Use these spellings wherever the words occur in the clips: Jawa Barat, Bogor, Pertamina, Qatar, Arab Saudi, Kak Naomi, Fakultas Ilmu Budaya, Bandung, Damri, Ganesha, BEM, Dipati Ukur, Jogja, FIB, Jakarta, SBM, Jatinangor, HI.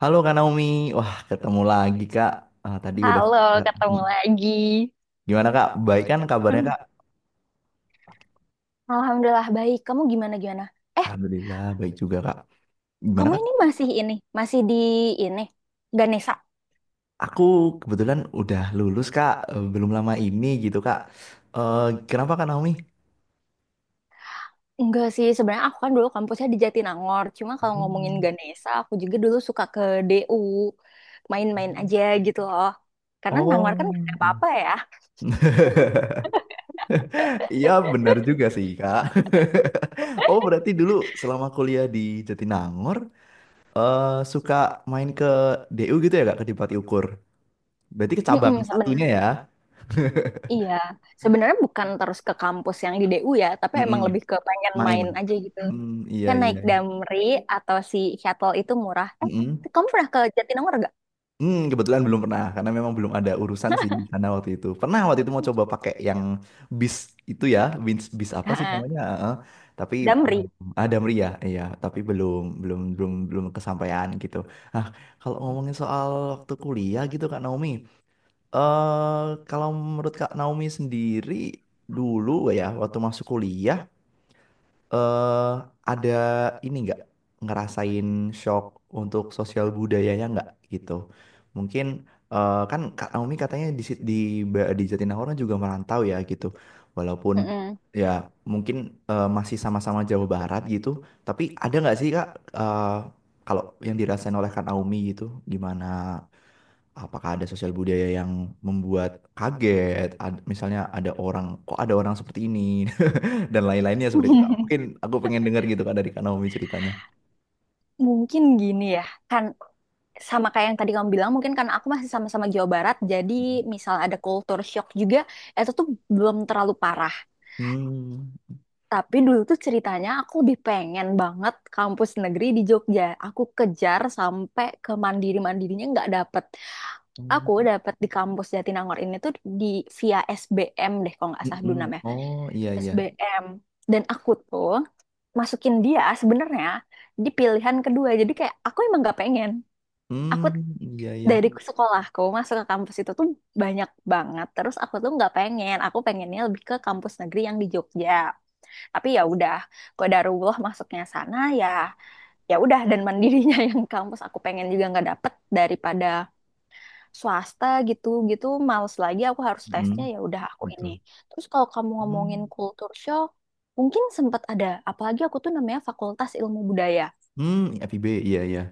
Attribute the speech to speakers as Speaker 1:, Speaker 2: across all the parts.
Speaker 1: Halo Kak Naomi, wah ketemu lagi Kak. Ah, tadi udah
Speaker 2: Halo, ketemu lagi.
Speaker 1: gimana Kak? Baik kan kabarnya
Speaker 2: Hmm,
Speaker 1: Kak?
Speaker 2: Alhamdulillah baik. Kamu gimana gimana? Eh,
Speaker 1: Alhamdulillah baik juga Kak. Gimana
Speaker 2: kamu
Speaker 1: Kak?
Speaker 2: ini, masih di ini Ganesha?
Speaker 1: Aku kebetulan udah lulus Kak, belum lama ini gitu Kak. Eh, Kenapa Kak Naomi?
Speaker 2: Enggak sih, sebenarnya aku kan dulu kampusnya di Jatinangor. Cuma kalau ngomongin
Speaker 1: Hmm.
Speaker 2: Ganesha, aku juga dulu suka ke DU, main-main aja gitu loh. Karena Nangor kan gak
Speaker 1: Oh,
Speaker 2: ada
Speaker 1: iya.
Speaker 2: apa-apa ya.
Speaker 1: Iya benar juga sih Kak. Oh berarti dulu selama kuliah di Jatinangor, eh, suka main ke DU gitu ya Kak, ke Dipati Ukur. Berarti ke cabang
Speaker 2: Mm-mm,
Speaker 1: satunya
Speaker 2: sebenarnya.
Speaker 1: ya?
Speaker 2: Iya, sebenarnya bukan terus ke kampus yang di DU ya, tapi
Speaker 1: Mm-mm,
Speaker 2: emang lebih ke pengen
Speaker 1: main.
Speaker 2: main aja gitu.
Speaker 1: Hmm, iya
Speaker 2: Kan naik
Speaker 1: iya.
Speaker 2: Damri atau si shuttle itu murah.
Speaker 1: Mm-mm.
Speaker 2: Kamu pernah ke Jatinangor.
Speaker 1: Hmm, kebetulan belum pernah karena memang belum ada urusan sih di sana waktu itu. Pernah waktu itu mau coba pakai yang bis itu ya, bis bis apa sih
Speaker 2: Ha-ha.
Speaker 1: namanya? Heeh. Tapi belum
Speaker 2: Damri.
Speaker 1: ada meriah, iya. Tapi belum belum belum belum kesampaian gitu. Nah, kalau ngomongin soal waktu kuliah gitu Kak Naomi, eh kalau menurut Kak Naomi sendiri dulu ya waktu masuk kuliah eh ada ini nggak ngerasain shock untuk sosial budayanya nggak gitu? Mungkin kan Kak Naomi katanya di Jatinangor juga merantau ya gitu. Walaupun
Speaker 2: Mm-mm.
Speaker 1: ya mungkin masih sama-sama Jawa Barat gitu, tapi ada nggak sih Kak, eh, kalau yang dirasain oleh Kak Naomi gitu gimana? Apakah ada sosial budaya yang membuat kaget? Misalnya ada orang, kok ada orang seperti ini? Dan lain-lainnya seperti itu Kak. Mungkin aku pengen dengar gitu Kak dari Kak Naomi ceritanya.
Speaker 2: Mungkin gini ya, kan sama kayak yang tadi kamu bilang, mungkin karena aku masih sama-sama Jawa Barat, jadi misal ada culture shock juga, itu tuh belum terlalu parah.
Speaker 1: Hmm.
Speaker 2: Tapi dulu tuh ceritanya aku lebih pengen banget kampus negeri di Jogja. Aku kejar sampai ke mandiri-mandirinya nggak dapet. Aku
Speaker 1: Hmm,
Speaker 2: dapet di kampus Jatinangor ini tuh di via SBM deh kalau nggak salah dulu
Speaker 1: mm-mm.
Speaker 2: namanya.
Speaker 1: Oh iya iya.
Speaker 2: SBM. Dan aku tuh masukin dia sebenarnya di pilihan kedua. Jadi kayak aku emang gak pengen. Aku
Speaker 1: Hmm iya iya.
Speaker 2: dari sekolahku masuk ke kampus itu tuh banyak banget. Terus aku tuh nggak pengen. Aku pengennya lebih ke kampus negeri yang di Jogja. Tapi ya udah, qadarullah masuknya sana ya. Ya udah dan mandirinya yang kampus aku pengen juga nggak dapet daripada swasta gitu gitu. Males lagi aku harus tesnya
Speaker 1: Hmm,
Speaker 2: ya udah aku ini.
Speaker 1: betul.
Speaker 2: Terus kalau kamu ngomongin
Speaker 1: Hmm.
Speaker 2: kultur shock, mungkin sempat ada. Apalagi aku tuh namanya Fakultas Ilmu Budaya,
Speaker 1: Hmm, FIB iya iya.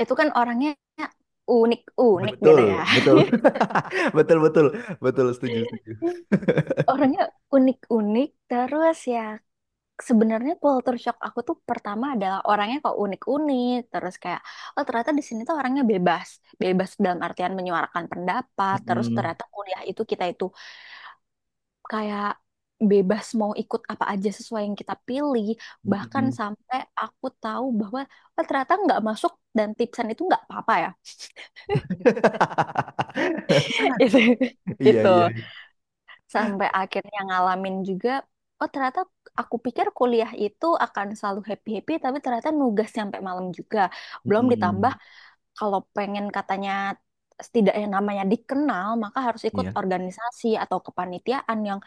Speaker 2: itu kan orangnya unik-unik gitu ya.
Speaker 1: Betul, betul. Betul betul. Betul setuju setuju.
Speaker 2: Orangnya unik-unik terus ya, sebenarnya culture shock aku tuh pertama adalah orangnya kok unik-unik terus kayak oh ternyata di sini tuh orangnya bebas. Bebas dalam artian menyuarakan pendapat, terus
Speaker 1: Mm-mm,
Speaker 2: ternyata kuliah itu kita itu kayak bebas mau ikut apa aja sesuai yang kita pilih, bahkan
Speaker 1: mm-mm.
Speaker 2: sampai aku tahu bahwa oh, ternyata nggak masuk dan tipsan itu nggak apa-apa ya. itu
Speaker 1: Iya
Speaker 2: itu
Speaker 1: iya.
Speaker 2: sampai akhirnya ngalamin juga oh ternyata aku pikir kuliah itu akan selalu happy-happy tapi ternyata nugas sampai malam juga, belum ditambah
Speaker 1: Mm-mm,
Speaker 2: kalau pengen katanya setidaknya namanya dikenal maka harus ikut
Speaker 1: Iya.
Speaker 2: organisasi atau kepanitiaan yang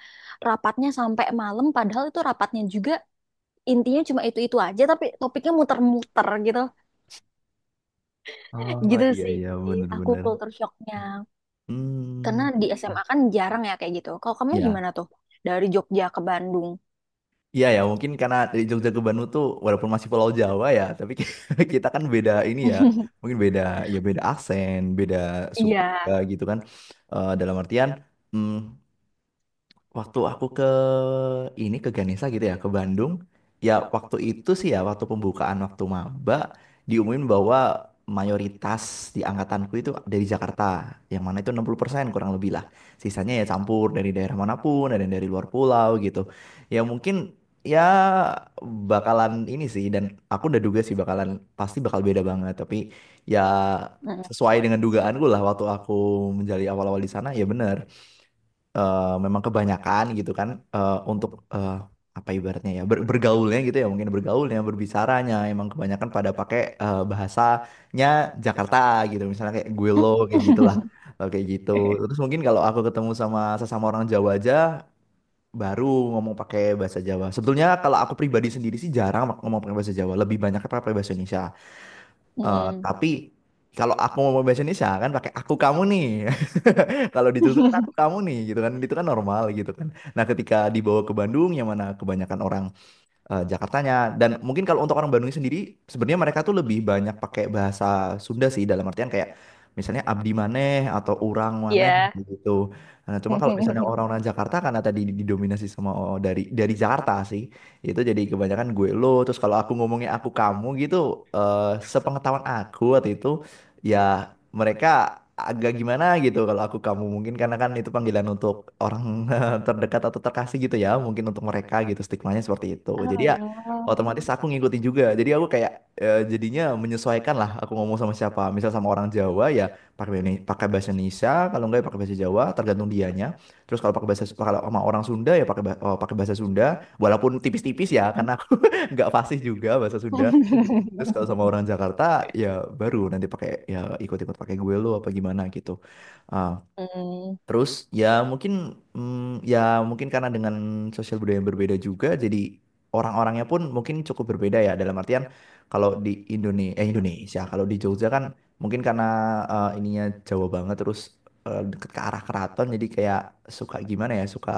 Speaker 2: rapatnya sampai malam, padahal itu rapatnya juga intinya cuma itu-itu aja tapi topiknya muter-muter gitu.
Speaker 1: Oh
Speaker 2: Gitu
Speaker 1: iya
Speaker 2: sih
Speaker 1: iya
Speaker 2: aku
Speaker 1: benar-benar.
Speaker 2: culture shocknya, karena
Speaker 1: Hmm.
Speaker 2: di SMA kan jarang ya kayak gitu. Kalau kamu
Speaker 1: Ya.
Speaker 2: gimana tuh dari Jogja ke Bandung?
Speaker 1: Iya ya, mungkin karena dari Jogja ke Bandung tuh walaupun masih Pulau Jawa ya, tapi kita kan beda ini ya, mungkin beda ya beda aksen, beda suku
Speaker 2: Iya.
Speaker 1: juga gitu kan. Eh, dalam artian, mm, waktu aku ke ini ke Ganesha gitu ya ke Bandung, ya waktu itu sih ya waktu pembukaan waktu maba diumumin bahwa mayoritas di angkatanku itu dari Jakarta yang mana itu 60% kurang lebih lah, sisanya ya campur dari daerah manapun ada yang dari luar pulau gitu. Ya mungkin ya bakalan ini sih dan aku udah duga sih bakalan pasti bakal beda banget, tapi ya
Speaker 2: Heeh.
Speaker 1: sesuai dengan dugaanku lah waktu aku menjadi awal-awal di sana ya bener. Memang kebanyakan gitu kan, eh, untuk eh, apa ibaratnya ya, bergaulnya gitu ya, mungkin bergaulnya berbicaranya emang kebanyakan pada pakai, bahasanya Jakarta gitu, misalnya kayak gue lo kayak gitulah.
Speaker 2: Mhm.
Speaker 1: Kayak gitu, terus mungkin kalau aku ketemu sama sesama orang Jawa aja baru ngomong pakai bahasa Jawa. Sebetulnya kalau aku pribadi sendiri sih jarang ngomong pakai bahasa Jawa, lebih banyak pakai bahasa Indonesia. Eh, tapi kalau aku mau bahasa Indonesia kan pakai aku kamu nih. Kalau di Jogja kan aku kamu nih gitu kan. Itu kan normal gitu kan. Nah, ketika dibawa ke Bandung yang mana kebanyakan orang, Jakartanya, dan mungkin kalau untuk orang Bandung sendiri sebenarnya mereka tuh lebih banyak pakai bahasa Sunda sih, dalam artian kayak misalnya abdi maneh atau urang maneh
Speaker 2: Iya.
Speaker 1: gitu. Nah, cuma kalau misalnya orang-orang Jakarta karena tadi didominasi sama oh, dari Jakarta sih, itu jadi kebanyakan gue lo, terus kalau aku ngomongnya aku kamu gitu. eh, Sepengetahuan aku waktu itu ya, mereka agak gimana gitu kalau aku kamu, mungkin karena kan itu panggilan untuk orang terdekat atau terkasih gitu, ya mungkin untuk mereka gitu stigmanya seperti itu. Jadi ya
Speaker 2: Oh.
Speaker 1: otomatis aku ngikutin juga, jadi aku kayak, jadinya menyesuaikan lah aku ngomong sama siapa. Misal sama orang Jawa ya pakai pakai bahasa Indonesia, kalau enggak ya pakai bahasa Jawa tergantung dianya. Terus kalau pakai bahasa kalau sama orang Sunda ya pakai pakai bahasa Sunda, walaupun tipis-tipis ya karena aku nggak fasih juga bahasa Sunda. Terus kalau sama orang Jakarta ya baru nanti pakai ya ikut-ikut pakai gue lo apa gimana gitu. Ah,
Speaker 2: Mhm.
Speaker 1: terus ya mungkin, mm, ya mungkin karena dengan sosial budaya yang berbeda juga, jadi orang-orangnya pun mungkin cukup berbeda ya, dalam artian kalau di Indonesia, Indonesia kalau di Jogja kan mungkin karena, ininya Jawa banget terus, deket ke arah keraton, jadi kayak suka gimana ya, suka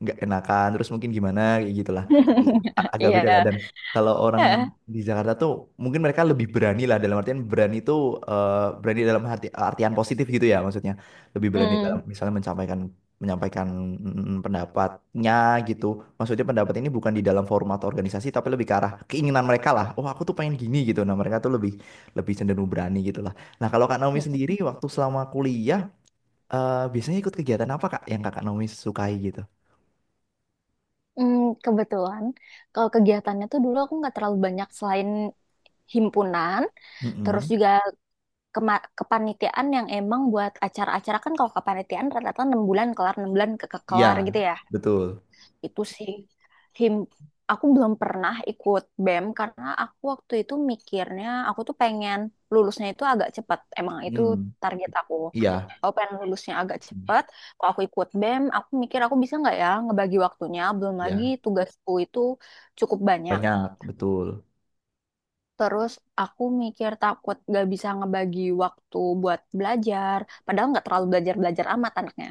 Speaker 1: nggak enakan, terus mungkin gimana kayak gitu. Agak beda lah,
Speaker 2: Iya,
Speaker 1: dan kalau orang
Speaker 2: heeh.
Speaker 1: di Jakarta tuh mungkin mereka lebih berani lah, dalam artian berani itu, eh, berani dalam hati, artian positif gitu ya, maksudnya lebih berani dalam
Speaker 2: Mhm,
Speaker 1: misalnya menyampaikan menyampaikan mm, pendapatnya gitu. Maksudnya pendapat ini bukan di dalam format organisasi, tapi lebih ke arah keinginan mereka lah, oh aku tuh pengen gini gitu. Nah mereka tuh lebih lebih cenderung berani gitu lah. Nah kalau Kak Naomi
Speaker 2: mhm,
Speaker 1: sendiri waktu selama kuliah, biasanya ikut kegiatan apa Kak yang Kak Naomi sukai gitu?
Speaker 2: kebetulan kalau kegiatannya tuh dulu aku nggak terlalu banyak selain himpunan, terus
Speaker 1: Mm-mm.
Speaker 2: juga kema kepanitiaan yang emang buat acara-acara kan. Kalau kepanitiaan rata-rata 6 bulan kelar, 6 bulan ke kelar gitu
Speaker 1: Iya,
Speaker 2: ya.
Speaker 1: betul.
Speaker 2: Itu sih, him aku belum pernah ikut BEM karena aku waktu itu mikirnya aku tuh pengen lulusnya itu agak cepat, emang itu
Speaker 1: Hmm.
Speaker 2: target aku.
Speaker 1: Iya,
Speaker 2: Aku pengen lulusnya agak cepat. Kalau aku ikut BEM aku mikir aku bisa nggak ya ngebagi waktunya, belum lagi
Speaker 1: iya,
Speaker 2: tugasku itu cukup banyak.
Speaker 1: banyak betul.
Speaker 2: Terus aku mikir takut nggak bisa ngebagi waktu buat belajar, padahal nggak terlalu belajar-belajar amat anaknya.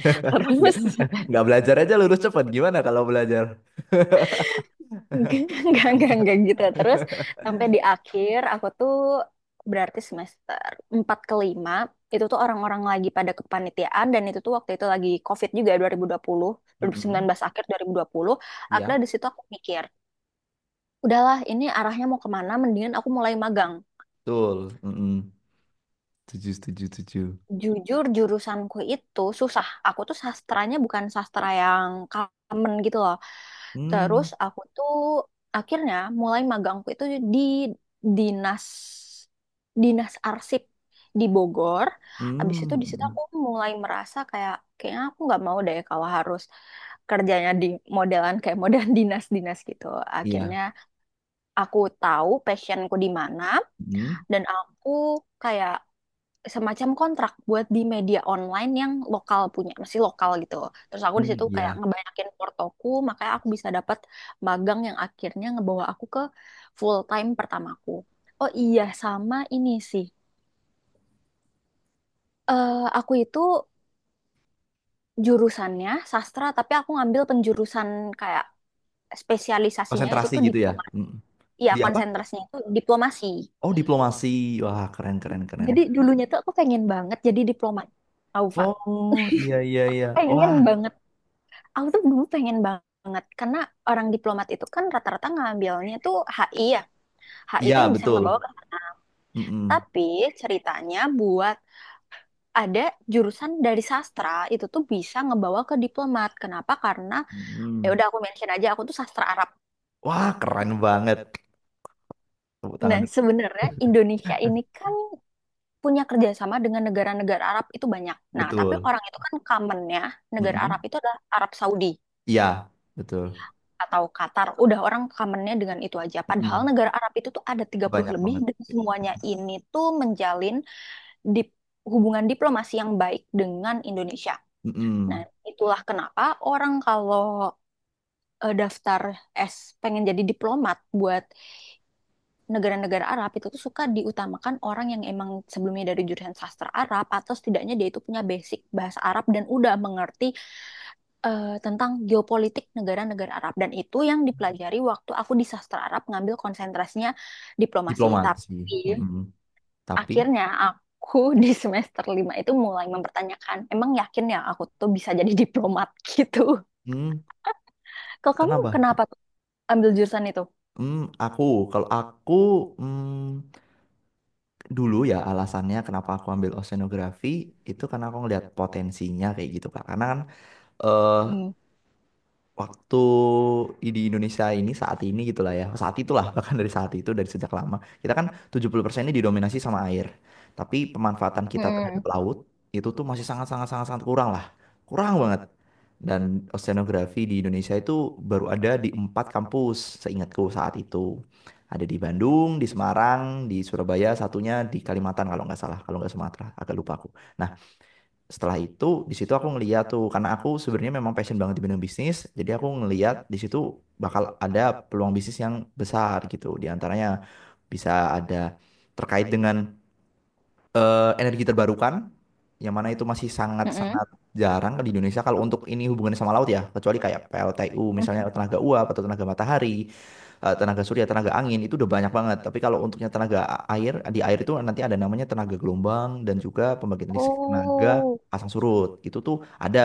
Speaker 1: Nggak
Speaker 2: Terus
Speaker 1: belajar aja lulus cepat gimana kalau belajar?
Speaker 2: enggak, enggak gitu. Terus sampai di akhir aku tuh berarti semester 4 ke 5 itu tuh orang-orang lagi pada kepanitiaan, dan itu tuh waktu itu lagi COVID juga, 2020, dua ribu ribu puluh sembilan
Speaker 1: Mm-mm.
Speaker 2: belas akhir dua dua ribu dua puluh
Speaker 1: Iya,
Speaker 2: Akhirnya di situ aku mikir, udahlah ini arahnya mau kemana, mendingan aku mulai magang.
Speaker 1: betul. Mm-mm. Setuju, setuju, setuju.
Speaker 2: Jujur jurusanku itu susah. Aku tuh sastranya bukan sastra yang common gitu loh.
Speaker 1: Hmm,
Speaker 2: Terus aku tuh akhirnya mulai magangku itu di dinas dinas arsip di Bogor. Habis itu di situ
Speaker 1: hmm,
Speaker 2: aku mulai merasa kayak kayaknya aku nggak mau deh kalau harus kerjanya di modelan kayak model dinas-dinas gitu.
Speaker 1: iya,
Speaker 2: Akhirnya aku tahu passionku di mana,
Speaker 1: hmm,
Speaker 2: dan aku kayak semacam kontrak buat di media online yang lokal punya, masih lokal gitu. Terus aku di
Speaker 1: hmm,
Speaker 2: situ kayak
Speaker 1: iya.
Speaker 2: ngebanyakin portoku, makanya aku bisa dapat magang yang akhirnya ngebawa aku ke full time pertamaku. Oh iya, sama ini sih. Eh aku itu jurusannya sastra, tapi aku ngambil penjurusan kayak spesialisasinya itu
Speaker 1: Konsentrasi
Speaker 2: tuh
Speaker 1: gitu ya.
Speaker 2: diplomasi.
Speaker 1: Mm.
Speaker 2: Iya,
Speaker 1: Di apa?
Speaker 2: konsentrasinya itu diplomasi.
Speaker 1: Oh, diplomasi. Wah, keren, keren, keren.
Speaker 2: Jadi dulunya tuh aku pengen banget jadi diplomat. Tau, Pak.
Speaker 1: Oh, iya, iya, iya.
Speaker 2: Pengen
Speaker 1: Wah,
Speaker 2: banget. Aku tuh dulu pengen banget karena orang diplomat itu kan rata-rata ngambilnya tuh HI ya. HI itu
Speaker 1: iya,
Speaker 2: yang bisa ngebawa
Speaker 1: betul.
Speaker 2: ke sana.
Speaker 1: Hmm, hmm,
Speaker 2: Tapi ceritanya buat ada jurusan dari sastra itu tuh bisa ngebawa ke diplomat. Kenapa? Karena ya udah aku mention aja aku tuh sastra Arab.
Speaker 1: wah, keren banget. Tepuk
Speaker 2: Nah,
Speaker 1: tangan.
Speaker 2: sebenarnya Indonesia ini kan punya kerjasama dengan negara-negara Arab itu banyak. Nah, tapi
Speaker 1: Betul.
Speaker 2: orang itu kan commonnya negara Arab
Speaker 1: Hmm,
Speaker 2: itu adalah Arab Saudi
Speaker 1: iya, betul.
Speaker 2: atau Qatar, udah orang kamennya dengan itu aja. Padahal negara Arab itu tuh ada 30
Speaker 1: Banyak
Speaker 2: lebih
Speaker 1: banget.
Speaker 2: dan semuanya ini tuh menjalin dip- hubungan diplomasi yang baik dengan Indonesia. Nah,
Speaker 1: Mm-mm.
Speaker 2: itulah kenapa orang kalau daftar S pengen jadi diplomat buat negara-negara Arab itu tuh suka diutamakan orang yang emang sebelumnya dari jurusan sastra Arab atau setidaknya dia itu punya basic bahasa Arab dan udah mengerti tentang geopolitik negara-negara Arab, dan itu yang dipelajari waktu aku di sastra Arab ngambil konsentrasinya diplomasi.
Speaker 1: Diplomasi.
Speaker 2: Tapi
Speaker 1: Mm-mm. Tapi,
Speaker 2: akhirnya aku di semester 5 itu mulai mempertanyakan, emang yakin ya aku tuh bisa jadi diplomat gitu.
Speaker 1: mm,
Speaker 2: Kalau kamu
Speaker 1: kenapa?
Speaker 2: kenapa tuh ambil jurusan itu?
Speaker 1: Mm, aku, kalau aku, mm, dulu ya alasannya kenapa aku ambil oceanografi itu karena aku ngeliat potensinya kayak gitu Kak. Karena kan, eh,
Speaker 2: Hmm.
Speaker 1: waktu di Indonesia ini saat ini gitulah ya, saat itulah bahkan dari saat itu dari sejak lama, kita kan 70% ini didominasi sama air, tapi pemanfaatan kita
Speaker 2: Mm-mm.
Speaker 1: terhadap laut itu tuh masih sangat sangat sangat sangat kurang lah, kurang banget. Dan oceanografi di Indonesia itu baru ada di 4 kampus seingatku saat itu, ada di Bandung, di Semarang, di Surabaya, satunya di Kalimantan kalau nggak salah, kalau nggak Sumatera, agak lupa aku. Nah setelah itu di situ aku ngeliat tuh, karena aku sebenarnya memang passion banget di bidang bisnis, jadi aku ngeliat di situ bakal ada peluang bisnis yang besar gitu. Di antaranya bisa ada terkait dengan, energi terbarukan, yang mana itu masih
Speaker 2: Mm-mm.
Speaker 1: sangat-sangat jarang di Indonesia kalau untuk ini hubungannya sama laut ya, kecuali kayak PLTU misalnya tenaga uap, atau tenaga matahari, tenaga surya, tenaga angin, itu udah banyak banget. Tapi kalau untuknya tenaga air, di air itu nanti ada namanya tenaga gelombang dan juga pembangkit listrik tenaga
Speaker 2: Oh.
Speaker 1: pasang surut. Itu tuh ada.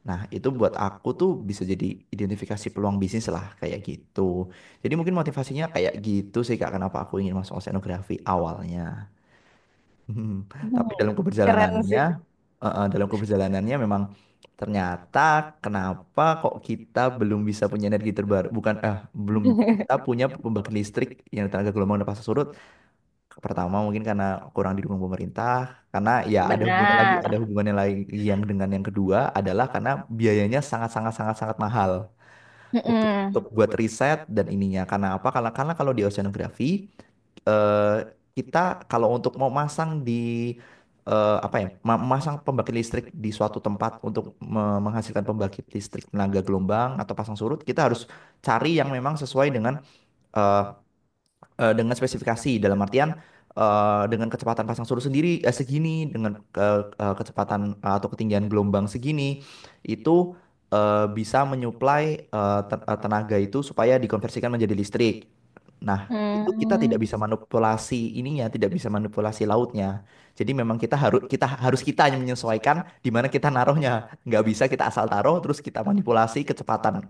Speaker 1: Nah, itu buat aku tuh bisa jadi identifikasi peluang bisnis lah kayak gitu. Jadi mungkin motivasinya kayak gitu sih Kak, kenapa aku ingin masuk oceanografi awalnya. Mhm. Tapi dalam keberjalanannya, dalam keberjalanannya memang ternyata, kenapa kok kita belum bisa punya energi terbaru, bukan eh belum, kita punya pembangkit listrik yang tenaga gelombang dan pasang surut. Pertama mungkin karena kurang didukung pemerintah, karena ya ada
Speaker 2: Benar.
Speaker 1: hubungannya lagi yang dengan yang kedua adalah karena biayanya sangat sangat sangat sangat mahal
Speaker 2: Mm-mm.
Speaker 1: untuk buat riset dan ininya. Karena apa? Karena kalau di oceanografi, eh, kita kalau untuk mau masang di, apa ya, masang pembangkit listrik di suatu tempat untuk menghasilkan pembangkit listrik tenaga gelombang atau pasang surut, kita harus cari yang memang sesuai dengan, eh, dengan spesifikasi, dalam artian dengan kecepatan pasang surut sendiri segini, dengan kecepatan atau ketinggian gelombang segini, itu bisa menyuplai tenaga itu supaya dikonversikan menjadi listrik. Nah, itu kita tidak
Speaker 2: Hmm.
Speaker 1: bisa manipulasi ininya, tidak bisa manipulasi lautnya. Jadi memang kita harus, kita yang menyesuaikan di mana kita naruhnya. Nggak bisa kita asal taruh terus kita manipulasi kecepatan,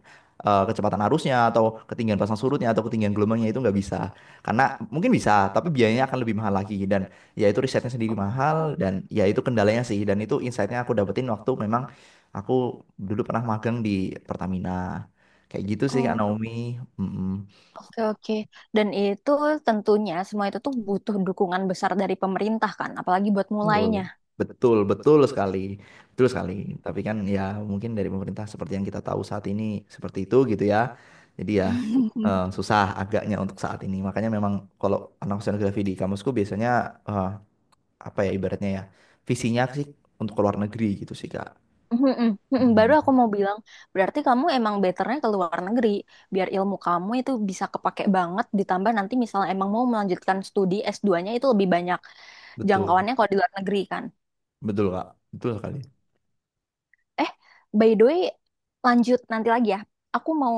Speaker 1: kecepatan arusnya atau ketinggian pasang surutnya atau ketinggian gelombangnya, itu nggak bisa. Karena mungkin bisa, tapi biayanya akan lebih mahal lagi. Dan ya itu risetnya sendiri mahal, dan ya itu kendalanya sih. Dan itu insightnya aku dapetin waktu memang aku dulu pernah magang di Pertamina. Kayak gitu sih Kak
Speaker 2: Oh,
Speaker 1: Naomi. Mm-mm.
Speaker 2: oke, oke. Dan itu tentunya semua itu tuh butuh dukungan besar dari pemerintah kan, apalagi buat
Speaker 1: Betul.
Speaker 2: mulainya.
Speaker 1: Betul, betul sekali. Betul sekali. Tapi kan ya mungkin dari pemerintah seperti yang kita tahu saat ini seperti itu gitu ya. Jadi ya, susah agaknya untuk saat ini. Makanya memang kalau anak oceanografi di kamusku biasanya, eh, apa ya ibaratnya ya, visinya sih untuk ke luar negeri gitu sih kak.
Speaker 2: Mm-mm, mm-mm. Baru aku
Speaker 1: Mhm.
Speaker 2: mau bilang, berarti kamu emang betternya ke luar negeri, biar ilmu kamu itu bisa kepake banget, ditambah nanti misalnya emang mau melanjutkan studi s duanya itu lebih banyak
Speaker 1: Betul,
Speaker 2: jangkauannya kalau di luar negeri kan.
Speaker 1: betul kak, betul kali.
Speaker 2: Eh, by the way, lanjut nanti lagi ya. Aku mau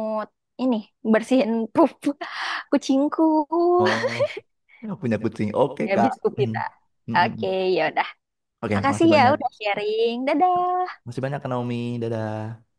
Speaker 2: ini, bersihin pup kucingku.
Speaker 1: Oh ya, punya kucing oke
Speaker 2: Ya,
Speaker 1: kak.
Speaker 2: habis pup
Speaker 1: Mhm.
Speaker 2: kita.
Speaker 1: Mhm.
Speaker 2: Oke, ya.
Speaker 1: Oke
Speaker 2: Makasih
Speaker 1: makasih
Speaker 2: ya
Speaker 1: banyak.
Speaker 2: udah sharing. Dadah.
Speaker 1: Makasih banyak Kak Naomi, dadah.